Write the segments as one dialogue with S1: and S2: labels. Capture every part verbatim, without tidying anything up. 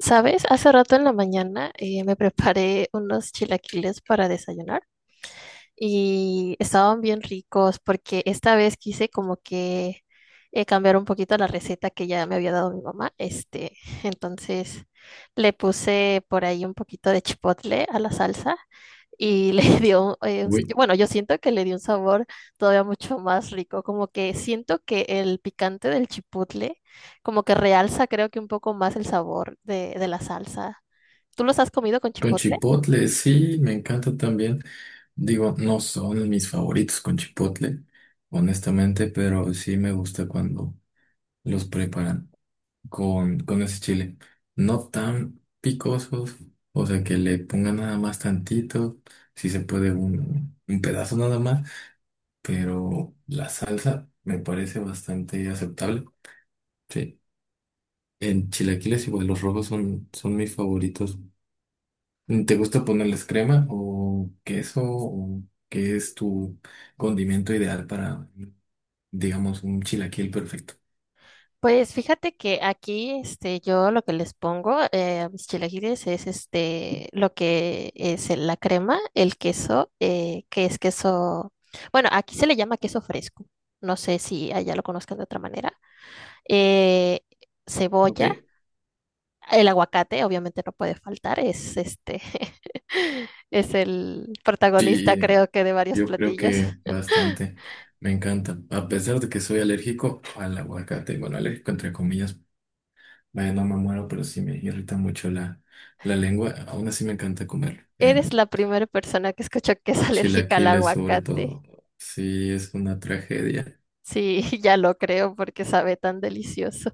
S1: ¿Sabes? Hace rato en la mañana eh, me preparé unos chilaquiles para desayunar y estaban bien ricos porque esta vez quise como que eh, cambiar un poquito la receta que ya me había dado mi mamá. Este, entonces le puse por ahí un poquito de chipotle a la salsa y le dio, eh, un-
S2: Uy,
S1: bueno, yo siento que le dio un sabor todavía mucho más rico, como que siento que el picante del chipotle como que realza creo que un poco más el sabor de, de la salsa. ¿Tú los has comido con
S2: con
S1: chipotle?
S2: chipotle, sí, me encanta también. Digo, no son mis favoritos con chipotle, honestamente, pero sí me gusta cuando los preparan con, con ese chile. No tan picosos, o sea, que le pongan nada más tantito, si se puede un, un pedazo nada más, pero la salsa me parece bastante aceptable. Sí, en chilaquiles igual los rojos son, son mis favoritos. ¿Te gusta ponerles crema o queso o qué es tu condimento ideal para, digamos, un chilaquil perfecto?
S1: Pues fíjate que aquí, este, yo lo que les pongo eh, a mis chilaquiles es este, lo que es el- la crema, el queso, eh, que es queso, bueno, aquí se le llama queso fresco, no sé si allá lo conozcan de otra manera, eh,
S2: Ok,
S1: cebolla, el aguacate, obviamente no puede faltar, es este, es el protagonista,
S2: sí,
S1: creo que de varios
S2: yo creo
S1: platillos.
S2: que bastante. Me encanta. A pesar de que soy alérgico al aguacate, bueno, alérgico entre comillas, vaya, no me muero, pero sí me irrita mucho la, la lengua. Aún así me encanta comer
S1: Eres
S2: en
S1: la primera persona que escucho que es alérgica al
S2: chilaquiles, sobre
S1: aguacate.
S2: todo. Sí, es una tragedia.
S1: Sí, ya lo creo porque sabe tan delicioso.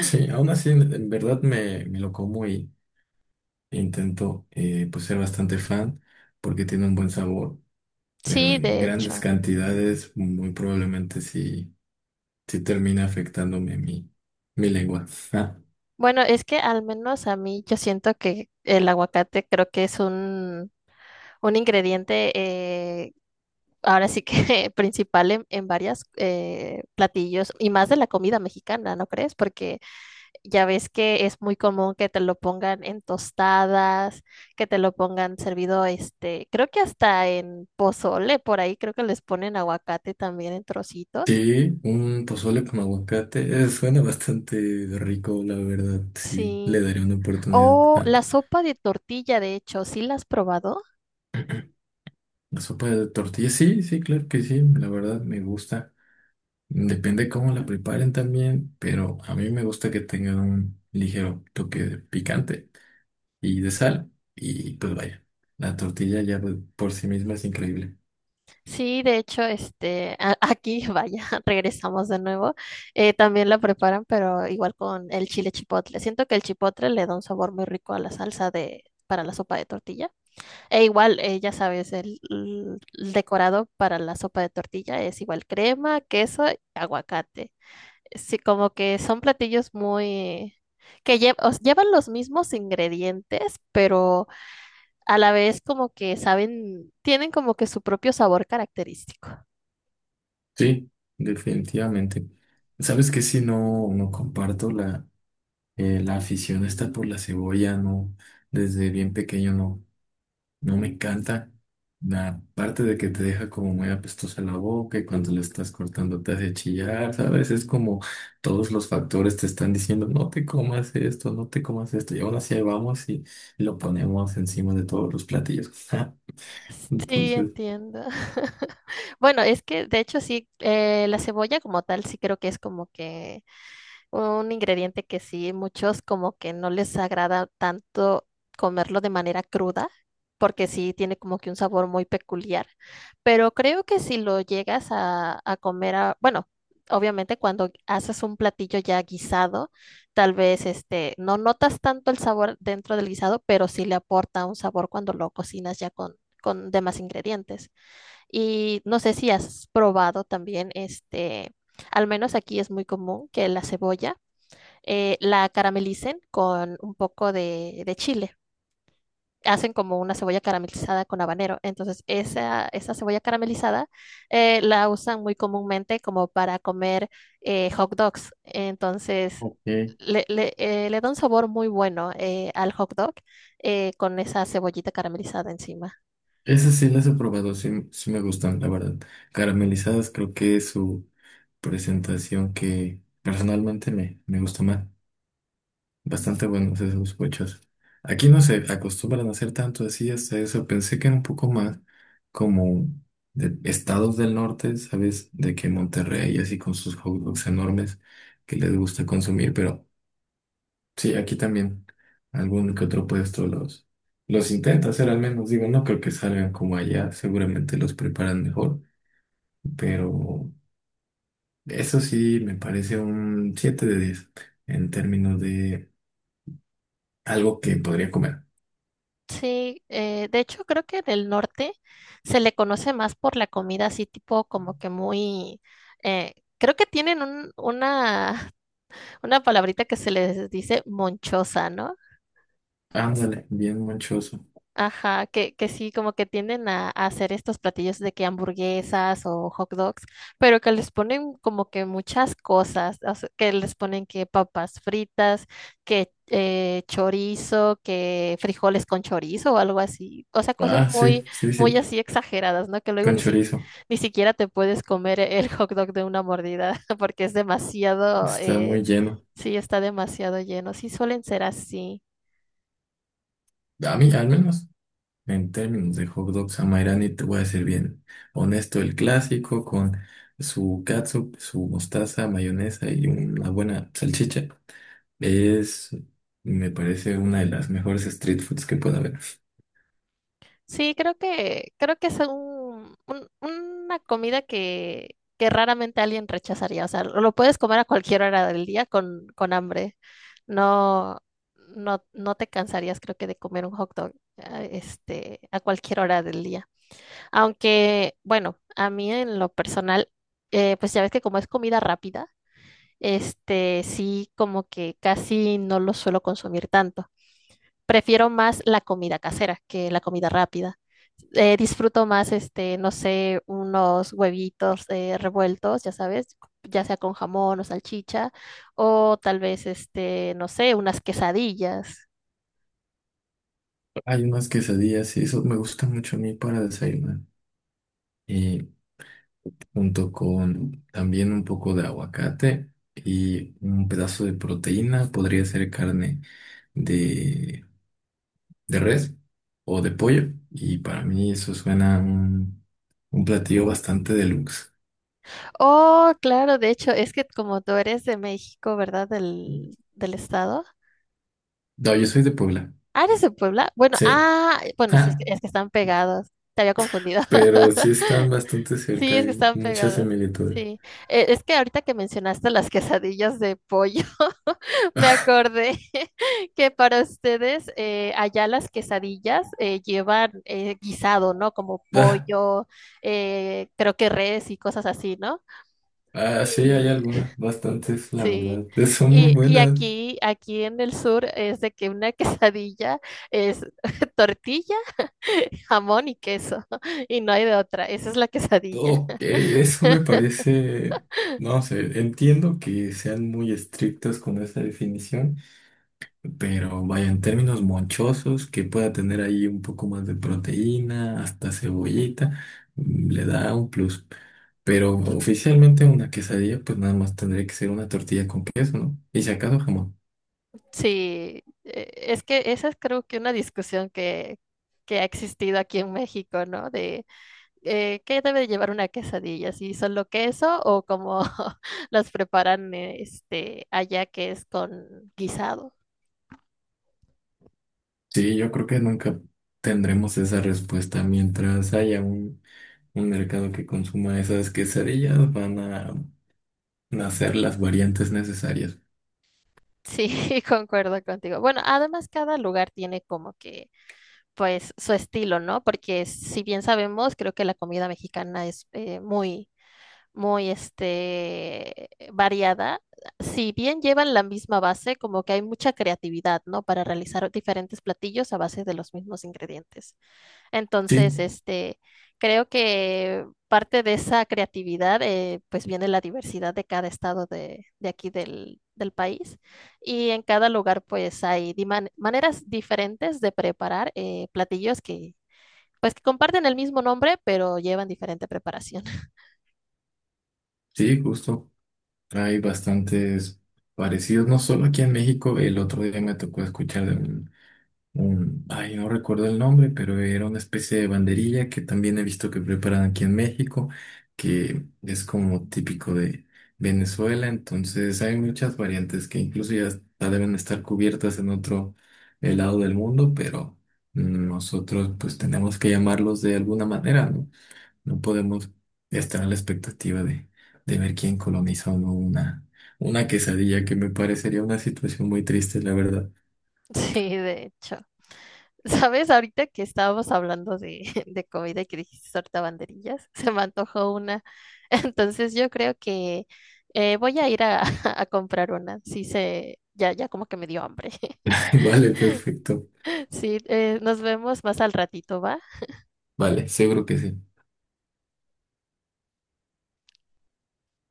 S2: Sí, aún así, en en verdad me, me lo como. Intento eh, pues ser bastante fan porque tiene un buen sabor, pero
S1: Sí,
S2: en
S1: de
S2: grandes
S1: hecho.
S2: cantidades muy probablemente sí, sí termina afectándome mi, mi lengua. Ah,
S1: Bueno, es que al menos a mí yo siento que el aguacate creo que es un, un ingrediente eh, ahora sí que principal en, en varias eh, platillos y más de la comida mexicana, ¿no crees? Porque ya ves que es muy común que te lo pongan en tostadas, que te lo pongan servido, este, creo que hasta en pozole, por ahí creo que les ponen aguacate también en trocitos.
S2: sí, un pozole con aguacate eh, suena bastante rico, la verdad, sí, le
S1: Sí,
S2: daré una oportunidad.
S1: o
S2: Ah,
S1: la sopa de tortilla, de hecho, ¿sí la has probado?
S2: la sopa de tortilla, sí, sí, claro que sí, la verdad me gusta. Depende cómo la preparen también, pero a mí me gusta que tenga un ligero toque de picante y de sal. Y pues vaya, la tortilla ya por por sí misma es increíble.
S1: Sí, de hecho, este, a- aquí, vaya, regresamos de nuevo. Eh, también la preparan, pero igual con el chile chipotle. Siento que el chipotle le da un sabor muy rico a la salsa de, para la sopa de tortilla. E igual, eh, ya sabes, el, l- el decorado para la sopa de tortilla es igual crema, queso y aguacate. Sí, como que son platillos muy, que lle- os- llevan los mismos ingredientes, pero a la vez como que saben, tienen como que su propio sabor característico.
S2: Sí, definitivamente. ¿Sabes qué? Si no, no comparto la, eh, la afición esta por la cebolla, no, desde bien pequeño no, no me encanta. La parte de que te deja como muy apestosa la boca y cuando la estás cortando te hace chillar, ¿sabes? Es como todos los factores te están diciendo, no te comas esto, no te comas esto, y aún así ahí vamos y lo ponemos encima de todos los platillos.
S1: Sí,
S2: Entonces,
S1: entiendo. Bueno, es que de hecho sí, eh, la cebolla como tal sí creo que es como que un ingrediente que sí, muchos como que no les agrada tanto comerlo de manera cruda, porque sí tiene como que un sabor muy peculiar. Pero creo que si lo llegas a, a comer, a- bueno, obviamente cuando haces un platillo ya guisado, tal vez este, no notas tanto el sabor dentro del guisado, pero sí le aporta un sabor cuando lo cocinas ya con, con demás ingredientes. Y no sé si has probado también este, al menos aquí es muy común que la cebolla eh, la caramelicen con un poco de, de chile. Hacen como una cebolla caramelizada con habanero. Entonces, esa, esa cebolla caramelizada eh, la usan muy comúnmente como para comer eh, hot dogs. Entonces,
S2: ok.
S1: le, le, eh, le da un sabor muy bueno eh, al hot dog eh, con esa cebollita caramelizada encima.
S2: Esas sí las he probado, sí, sí me gustan, la verdad. Caramelizadas creo que es su presentación que personalmente me, me gusta más. Bastante buenos esos cochos. Aquí no se acostumbran a hacer tanto así, hasta eso. Pensé que era un poco más como de estados del norte, ¿sabes? De que Monterrey, así con sus hot dogs enormes que les gusta consumir, pero. Sí, aquí también algún que otro puesto los, los intenta hacer al menos. Digo, no creo que salgan como allá, seguramente los preparan mejor, pero eso sí me parece un siete de diez en términos de algo que podría comer.
S1: Sí, eh, de hecho creo que en el norte se le conoce más por la comida así tipo como que muy, eh, creo que tienen un- una, una palabrita que se les dice monchosa, ¿no?
S2: Ándale, bien manchoso.
S1: Ajá, que, que sí, como que tienden a, a hacer estos platillos de que hamburguesas o hot dogs, pero que les ponen como que muchas cosas, o sea, que les ponen que papas fritas, que eh, chorizo, que frijoles con chorizo o algo así, o sea, cosas
S2: Ah,
S1: muy,
S2: sí, sí,
S1: muy
S2: sí,
S1: así exageradas, ¿no? Que luego
S2: con
S1: ni si-
S2: chorizo.
S1: ni siquiera te puedes comer el hot dog de una mordida porque es demasiado,
S2: Está
S1: eh,
S2: muy lleno.
S1: sí, está demasiado lleno, sí suelen ser así.
S2: A mí, al menos, en términos de hot dog Samairani, te voy a decir bien honesto, el clásico con su catsup, su mostaza, mayonesa y una buena salchicha es, me parece, una de las mejores street foods que puede haber.
S1: Sí, creo que, creo que es un, un- una comida que, que raramente alguien rechazaría. O sea, lo puedes comer a cualquier hora del día con, con hambre. No, no, no te cansarías, creo que, de comer un hot dog, ah, este, a cualquier hora del día. Aunque, bueno, a mí en lo personal, eh, pues ya ves que como es comida rápida. Este sí como que casi no lo suelo consumir tanto. Prefiero más la comida casera que la comida rápida. Eh, disfruto más, este, no sé, unos huevitos eh, revueltos, ya sabes, ya sea con jamón o salchicha, o tal vez, este, no sé, unas quesadillas.
S2: Hay unas quesadillas y eso me gusta mucho a mí para desayunar. Y junto con también un poco de aguacate y un pedazo de proteína, podría ser carne de de res o de pollo. Y para mí eso suena a un, un platillo bastante deluxe.
S1: Oh, claro, de hecho, es que como tú eres de México, ¿verdad? Del, del estado.
S2: No, yo soy de Puebla.
S1: Ah, eres de Puebla. Bueno,
S2: Sí.
S1: ah, bueno, sí, es
S2: Ah,
S1: que, es que están pegados. Te había confundido.
S2: pero sí están bastante cerca,
S1: Sí, es que
S2: hay
S1: están
S2: muchas
S1: pegadas.
S2: similitudes.
S1: Sí. Eh, es que ahorita que mencionaste las quesadillas de pollo, me acordé que para ustedes eh, allá las quesadillas eh, llevan eh, guisado, ¿no? Como
S2: Ah,
S1: pollo, eh, creo que res y cosas así, ¿no?
S2: ah, sí,
S1: Y,
S2: hay algunas, bastantes, la
S1: sí.
S2: verdad. Son muy
S1: Y, y
S2: buenas.
S1: aquí, aquí en el sur es de que una quesadilla es tortilla, jamón y queso, y no hay de otra. Esa es la quesadilla.
S2: Ok, eso me parece, no sé, entiendo que sean muy estrictos con esa definición. Pero vaya, en términos monchosos, que pueda tener ahí un poco más de proteína, hasta cebollita, mm, le da un plus. Pero oficialmente una quesadilla, pues nada más tendría que ser una tortilla con queso, ¿no? Y si acaso jamón.
S1: Sí, eh, es que esa es creo que una discusión que, que ha existido aquí en México, ¿no? De eh, qué debe de llevar una quesadilla, si solo queso o como las preparan eh, este, allá que es con guisado.
S2: Sí, yo creo que nunca tendremos esa respuesta. Mientras haya un, un mercado que consuma esas quesadillas, van a nacer las variantes necesarias.
S1: Sí, concuerdo contigo. Bueno, además cada lugar tiene como que, pues, su estilo, ¿no? Porque si bien sabemos, creo que la comida mexicana es eh, muy muy este, variada. Si bien llevan la misma base, como que hay mucha creatividad, ¿no? Para realizar diferentes platillos a base de los mismos ingredientes.
S2: Sí,
S1: Entonces, este, creo que parte de esa creatividad, eh, pues viene la diversidad de cada estado de, de aquí del, del país. Y en cada lugar, pues hay di- man- maneras diferentes de preparar eh, platillos que, pues, que comparten el mismo nombre, pero llevan diferente preparación.
S2: sí, justo. Hay bastantes parecidos, no solo aquí en México, el otro día me tocó escuchar de un, un- ay, no recuerdo el nombre, pero era una especie de banderilla que también he visto que preparan aquí en México, que es como típico de Venezuela, entonces hay muchas variantes que incluso ya hasta deben estar cubiertas en otro eh, lado del mundo, pero nosotros pues tenemos que llamarlos de alguna manera, ¿no? No podemos estar a la expectativa de, de ver quién coloniza o no una, una quesadilla, que me parecería una situación muy triste, la verdad.
S1: Sí, de hecho. ¿Sabes? Ahorita que estábamos hablando de, de comida y que dijiste ahorita banderillas, se me antojó una. Entonces yo creo que eh, voy a ir a, a comprar una. Sí, se, ya, ya como que me dio hambre.
S2: Vale, perfecto.
S1: Sí, eh, nos vemos más al ratito, ¿va?
S2: Vale, seguro que sí.